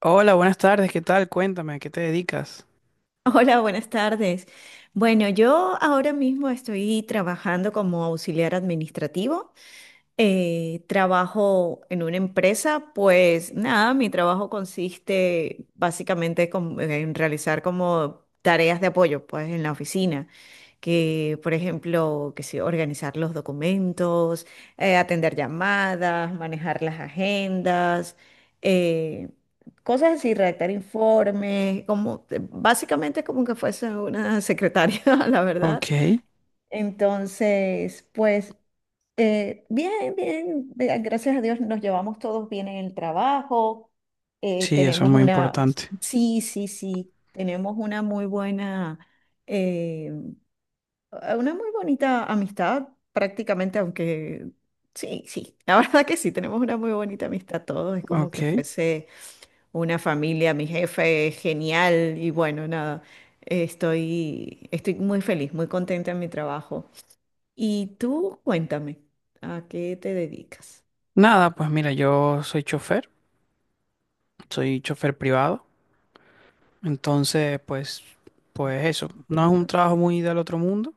Hola, buenas tardes, ¿qué tal? Cuéntame, ¿a qué te dedicas? Hola, buenas tardes. Bueno, yo ahora mismo estoy trabajando como auxiliar administrativo, trabajo en una empresa, pues nada, mi trabajo consiste básicamente en realizar como tareas de apoyo, pues en la oficina, que por ejemplo, que sí, organizar los documentos, atender llamadas, manejar las agendas, eh, cosas así, redactar informes, como básicamente como que fuese una secretaria, la verdad. Ok, Entonces, pues. Bien, bien, gracias a Dios nos llevamos todos bien en el trabajo. Sí, eso es Tenemos muy una, importante. sí, sí, sí, tenemos una muy buena, eh, una muy bonita amistad prácticamente, aunque sí, sí, la verdad que sí, tenemos una muy bonita amistad todos, es como que Ok. fuese una familia, mi jefe es genial y bueno, nada, estoy muy feliz, muy contenta en mi trabajo. Y tú, cuéntame, ¿a qué te dedicas? Nada, pues mira, yo soy chofer privado, entonces pues, pues eso, no es un Ya. trabajo muy del otro mundo,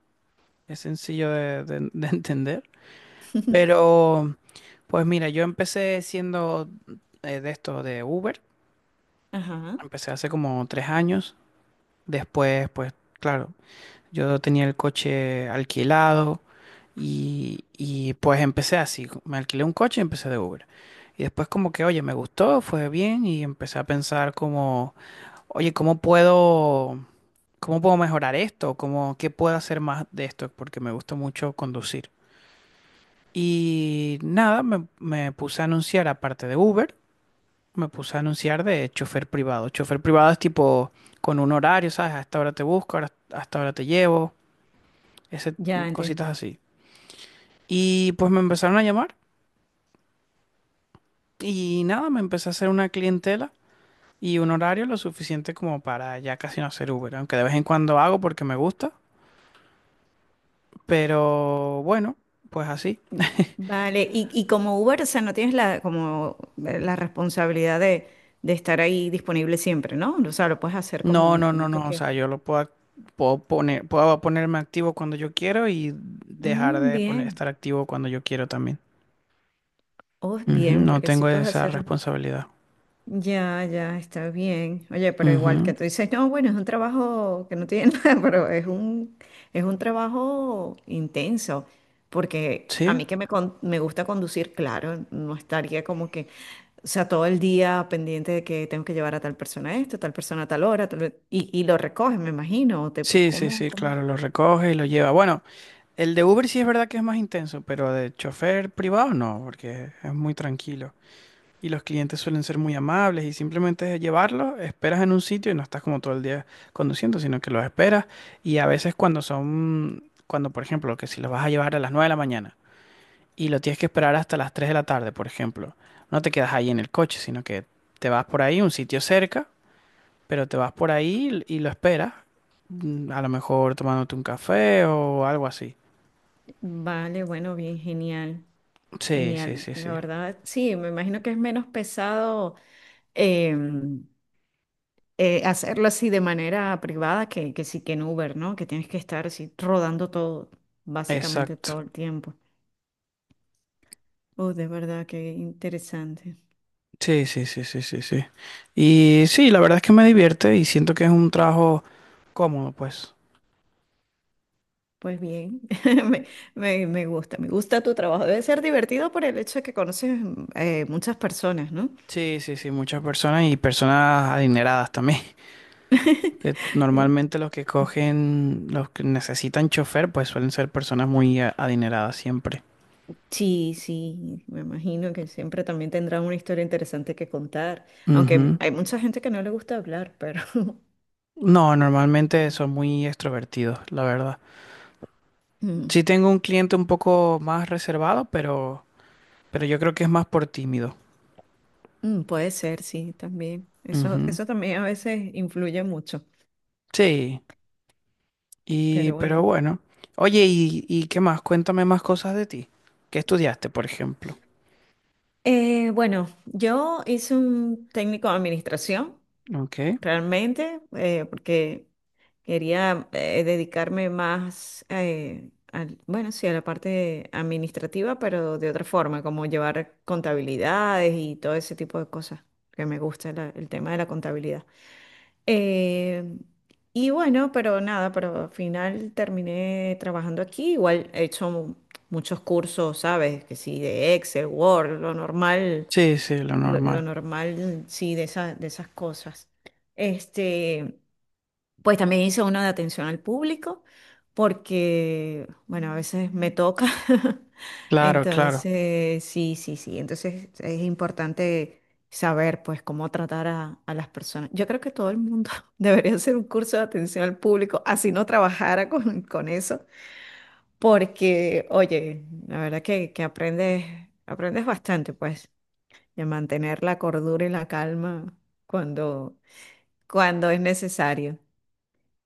es sencillo de entender, pero pues mira, yo empecé siendo de esto de Uber, Ajá. empecé hace como tres años, después pues claro, yo tenía el coche alquilado y pues empecé así, me alquilé un coche y empecé de Uber. Y después como que, oye, me gustó, fue bien y empecé a pensar como, oye, ¿cómo puedo mejorar esto? ¿Cómo, qué puedo hacer más de esto? Porque me gusta mucho conducir. Y nada, me puse a anunciar, aparte de Uber, me puse a anunciar de chofer privado. Chofer privado es tipo con un horario, ¿sabes? A esta hora te busco, a esta hora te llevo, ese, Ya cositas entiendo. así. Y pues me empezaron a llamar y nada, me empecé a hacer una clientela y un horario lo suficiente como para ya casi no hacer Uber, aunque de vez en cuando hago porque me gusta, pero bueno, pues así. Vale, y como Uber, o sea, no tienes la, como la responsabilidad de estar ahí disponible siempre, ¿no? O sea, lo puedes hacer No, como, no, no, como tú no, o quieras. sea, puedo poner, puedo ponerme activo cuando yo quiero y dejar Mm, de poner, bien. estar activo cuando yo quiero también. Oh, Ujú, bien, no porque así tengo puedes esa hacer. responsabilidad. Ya, ya, está bien. Oye, pero igual Ujú, que tú dices, no, bueno, es un trabajo que no tiene nada, pero es un trabajo intenso, porque a sí, mí que me, me gusta conducir, claro, no estaría como que, o sea, todo el día pendiente de que tengo que llevar a tal persona esto, tal persona a tal hora, tal- y lo recoges, me imagino. O te, sí, sí, ¿cómo, sí, cómo? claro, lo recoge y lo lleva. Bueno, el de Uber sí es verdad que es más intenso, pero de chofer privado no, porque es muy tranquilo. Y los clientes suelen ser muy amables y simplemente es llevarlos, esperas en un sitio y no estás como todo el día conduciendo, sino que los esperas. Y a veces cuando son, cuando por ejemplo, que si los vas a llevar a las 9 de la mañana y lo tienes que esperar hasta las 3 de la tarde, por ejemplo, no te quedas ahí en el coche, sino que te vas por ahí, un sitio cerca, pero te vas por ahí y lo esperas, a lo mejor tomándote un café o algo así. Vale, bueno, bien, genial, Sí, sí, genial. sí, La sí. verdad, sí, me imagino que es menos pesado. em, hacerlo así de manera privada que sí que en Uber, ¿no? Que tienes que estar así rodando todo, básicamente Exacto. todo el tiempo. Oh, de verdad, qué interesante. Sí, sí, sí, sí, sí, sí. Y sí, la verdad es que me divierte y siento que es un trabajo cómodo, pues. Pues bien, me, me gusta tu trabajo. Debe ser divertido por el hecho de que conoces muchas personas, ¿no? Sí, sí, sí, muchas personas y personas adineradas también. Que normalmente los que cogen, los que necesitan chofer, pues suelen ser personas muy adineradas siempre. Sí, sí, me imagino que siempre también tendrán una historia interesante que contar, aunque Ujú. hay mucha gente que no le gusta hablar, pero... No, normalmente son muy extrovertidos, la verdad. Mm. Sí tengo un cliente un poco más reservado, pero yo creo que es más por tímido. Mm, puede ser, sí, también. Eso, Ujú. eso también a veces influye mucho, Sí, y, pero pero bueno. bueno. Oye, y qué más? Cuéntame más cosas de ti. ¿Qué estudiaste, por ejemplo? Bueno, yo hice un técnico de administración, Ok. realmente, porque quería dedicarme más, al, bueno, sí, a la parte administrativa, pero de otra forma, como llevar contabilidades y todo ese tipo de cosas, que me gusta el tema de la contabilidad. Eh, y bueno, pero nada, pero al final terminé trabajando aquí. Igual he hecho muchos cursos, ¿sabes? Que sí, de Excel, Word, Sí, sí, lo lo normal. normal, sí, de de esas cosas. Este, pues también hice uno de atención al público, porque, bueno, a veces me toca. Claro, claro, Entonces, sí, sí, sí. Entonces es importante saber, pues, cómo tratar a las personas. Yo creo que todo el mundo debería hacer un curso de atención al público, así no trabajara con eso, porque, oye, la verdad que aprendes, aprendes bastante, pues, de mantener la cordura y la calma cuando, cuando es necesario.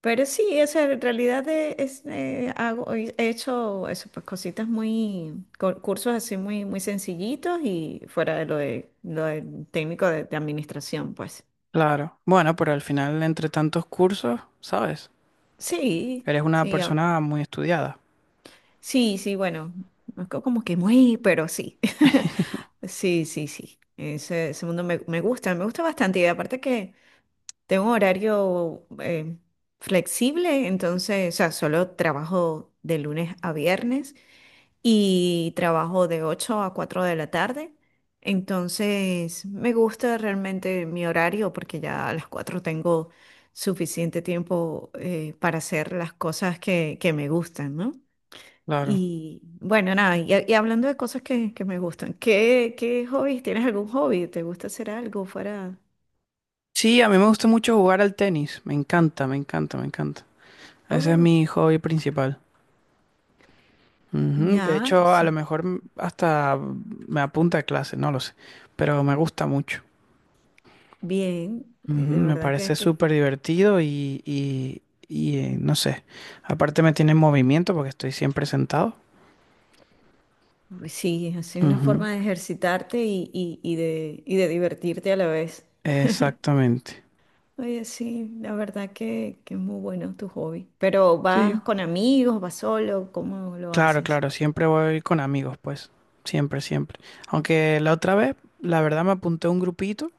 Pero sí, esa en realidad es, hago, he hecho eso, pues cositas muy, cursos así muy, muy sencillitos y fuera de, lo del técnico de administración, pues. claro. Bueno, pero al final, entre tantos cursos, ¿sabes? Sí, Eres una sí, ah, persona muy estudiada. sí, sí, bueno, no es como que muy, pero sí. Sí, sí, sí. Ese mundo me, me gusta bastante. Y aparte que tengo un horario flexible, entonces, o sea, solo trabajo de lunes a viernes. Y trabajo de 8 a 4 de la tarde. Entonces, me gusta realmente mi horario porque ya a las 4 tengo suficiente tiempo para hacer las cosas que me gustan, ¿no? Claro. Y bueno, nada, y hablando de cosas que me gustan, ¿qué, qué hobbies? ¿Tienes algún hobby? ¿Te gusta hacer algo fuera? Sí, a mí me gusta mucho jugar al tenis. Me encanta, me encanta, me encanta. Ese es Oh, mi hobby principal. Ujú, de ya, hecho, a lo sí, mejor hasta me apunta a clase, no lo sé. Pero me gusta mucho. bien, Ujú, de me verdad parece que súper divertido y no sé, aparte me tiene en movimiento porque estoy siempre sentado. uy, sí, es así una Ujú, forma de ejercitarte y de, y de divertirte a la vez. exactamente. Oye, sí, la verdad que es muy bueno tu hobby. Pero Sí, ¿vas con amigos, vas solo? ¿Cómo lo claro, haces? claro, siempre voy con amigos, pues, siempre, siempre. Aunque la otra vez, la verdad, me apunté a un grupito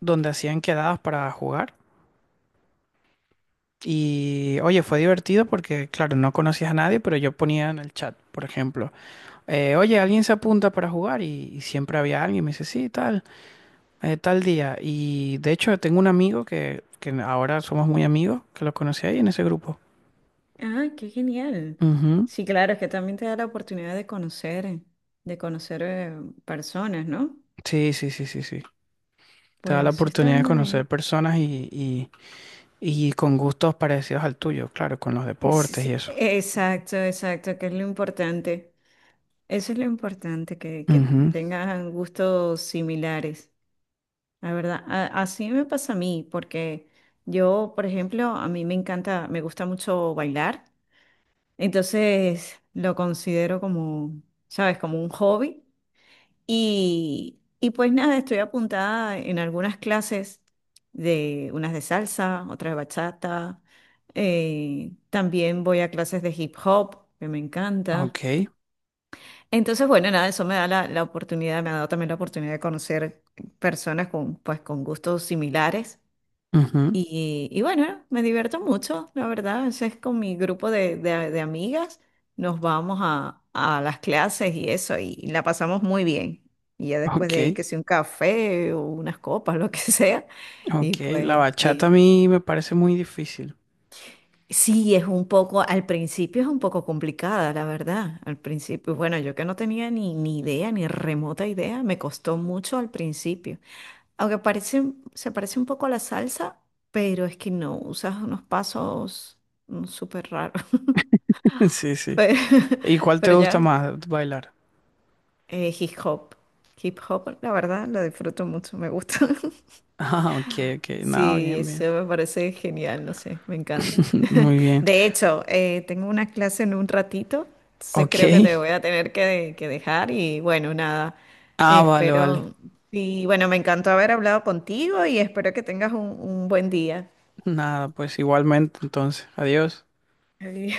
donde hacían quedadas para jugar y, oye, fue divertido porque, claro, no conocías a nadie, pero yo ponía en el chat, por ejemplo, oye, alguien se apunta para jugar y siempre había alguien, me dice, sí, tal. Tal día. Y de hecho tengo un amigo que ahora somos muy amigos, que lo conocí ahí en ese grupo. Ah, qué genial. Ujú. Sí, claro, es que también te da la oportunidad de conocer personas, ¿no? Sí, sí, sí, sí, sí. Te da la Pues eso está oportunidad de muy conocer bien. personas y con gustos parecidos al tuyo, claro, con los Sí, deportes y sí, eso. exacto, exacto, que es lo importante. Eso es lo importante, que Ujú. tengan gustos similares. La verdad, así me pasa a mí, porque yo, por ejemplo, a mí me encanta, me gusta mucho bailar, entonces lo considero como, ¿sabes? Como un hobby. Y pues nada, estoy apuntada en algunas clases de unas de salsa, otras de bachata. También voy a clases de hip hop, que me encanta. Ok, Entonces, bueno, nada, eso me da la, la oportunidad, me ha dado también la oportunidad de conocer personas con, pues, con gustos similares. ujú. Y bueno, me divierto mucho, la verdad. A veces con mi grupo de, de amigas nos vamos a las clases y eso, y la pasamos muy bien. Y ya después de ahí, Ok, que sea un café o unas copas, lo que sea, y ok. La pues bachata a bien. mí me parece muy difícil. Sí, es un poco, al principio es un poco complicada, la verdad. Al principio, bueno, yo que no tenía ni, ni idea, ni remota idea, me costó mucho al principio. Aunque parece, se parece un poco a la salsa, pero es que no, usas unos pasos súper raros. Sí, sí. Pero, ¿Y cuál te pero gusta ya, más bailar? Hip hop. Hip hop, la verdad, lo disfruto mucho, me gusta. Ah, ok, ok. No, Sí, bien, bien. eso me parece genial, no sé, me encanta. Muy bien. De hecho, tengo una clase en un ratito, entonces creo que Ok. te voy a tener que dejar y bueno, nada, Ah, vale, vale. espero. Y bueno, me encantó haber hablado contigo y espero que tengas un buen día. Nada, pues igualmente, entonces, adiós. Ay,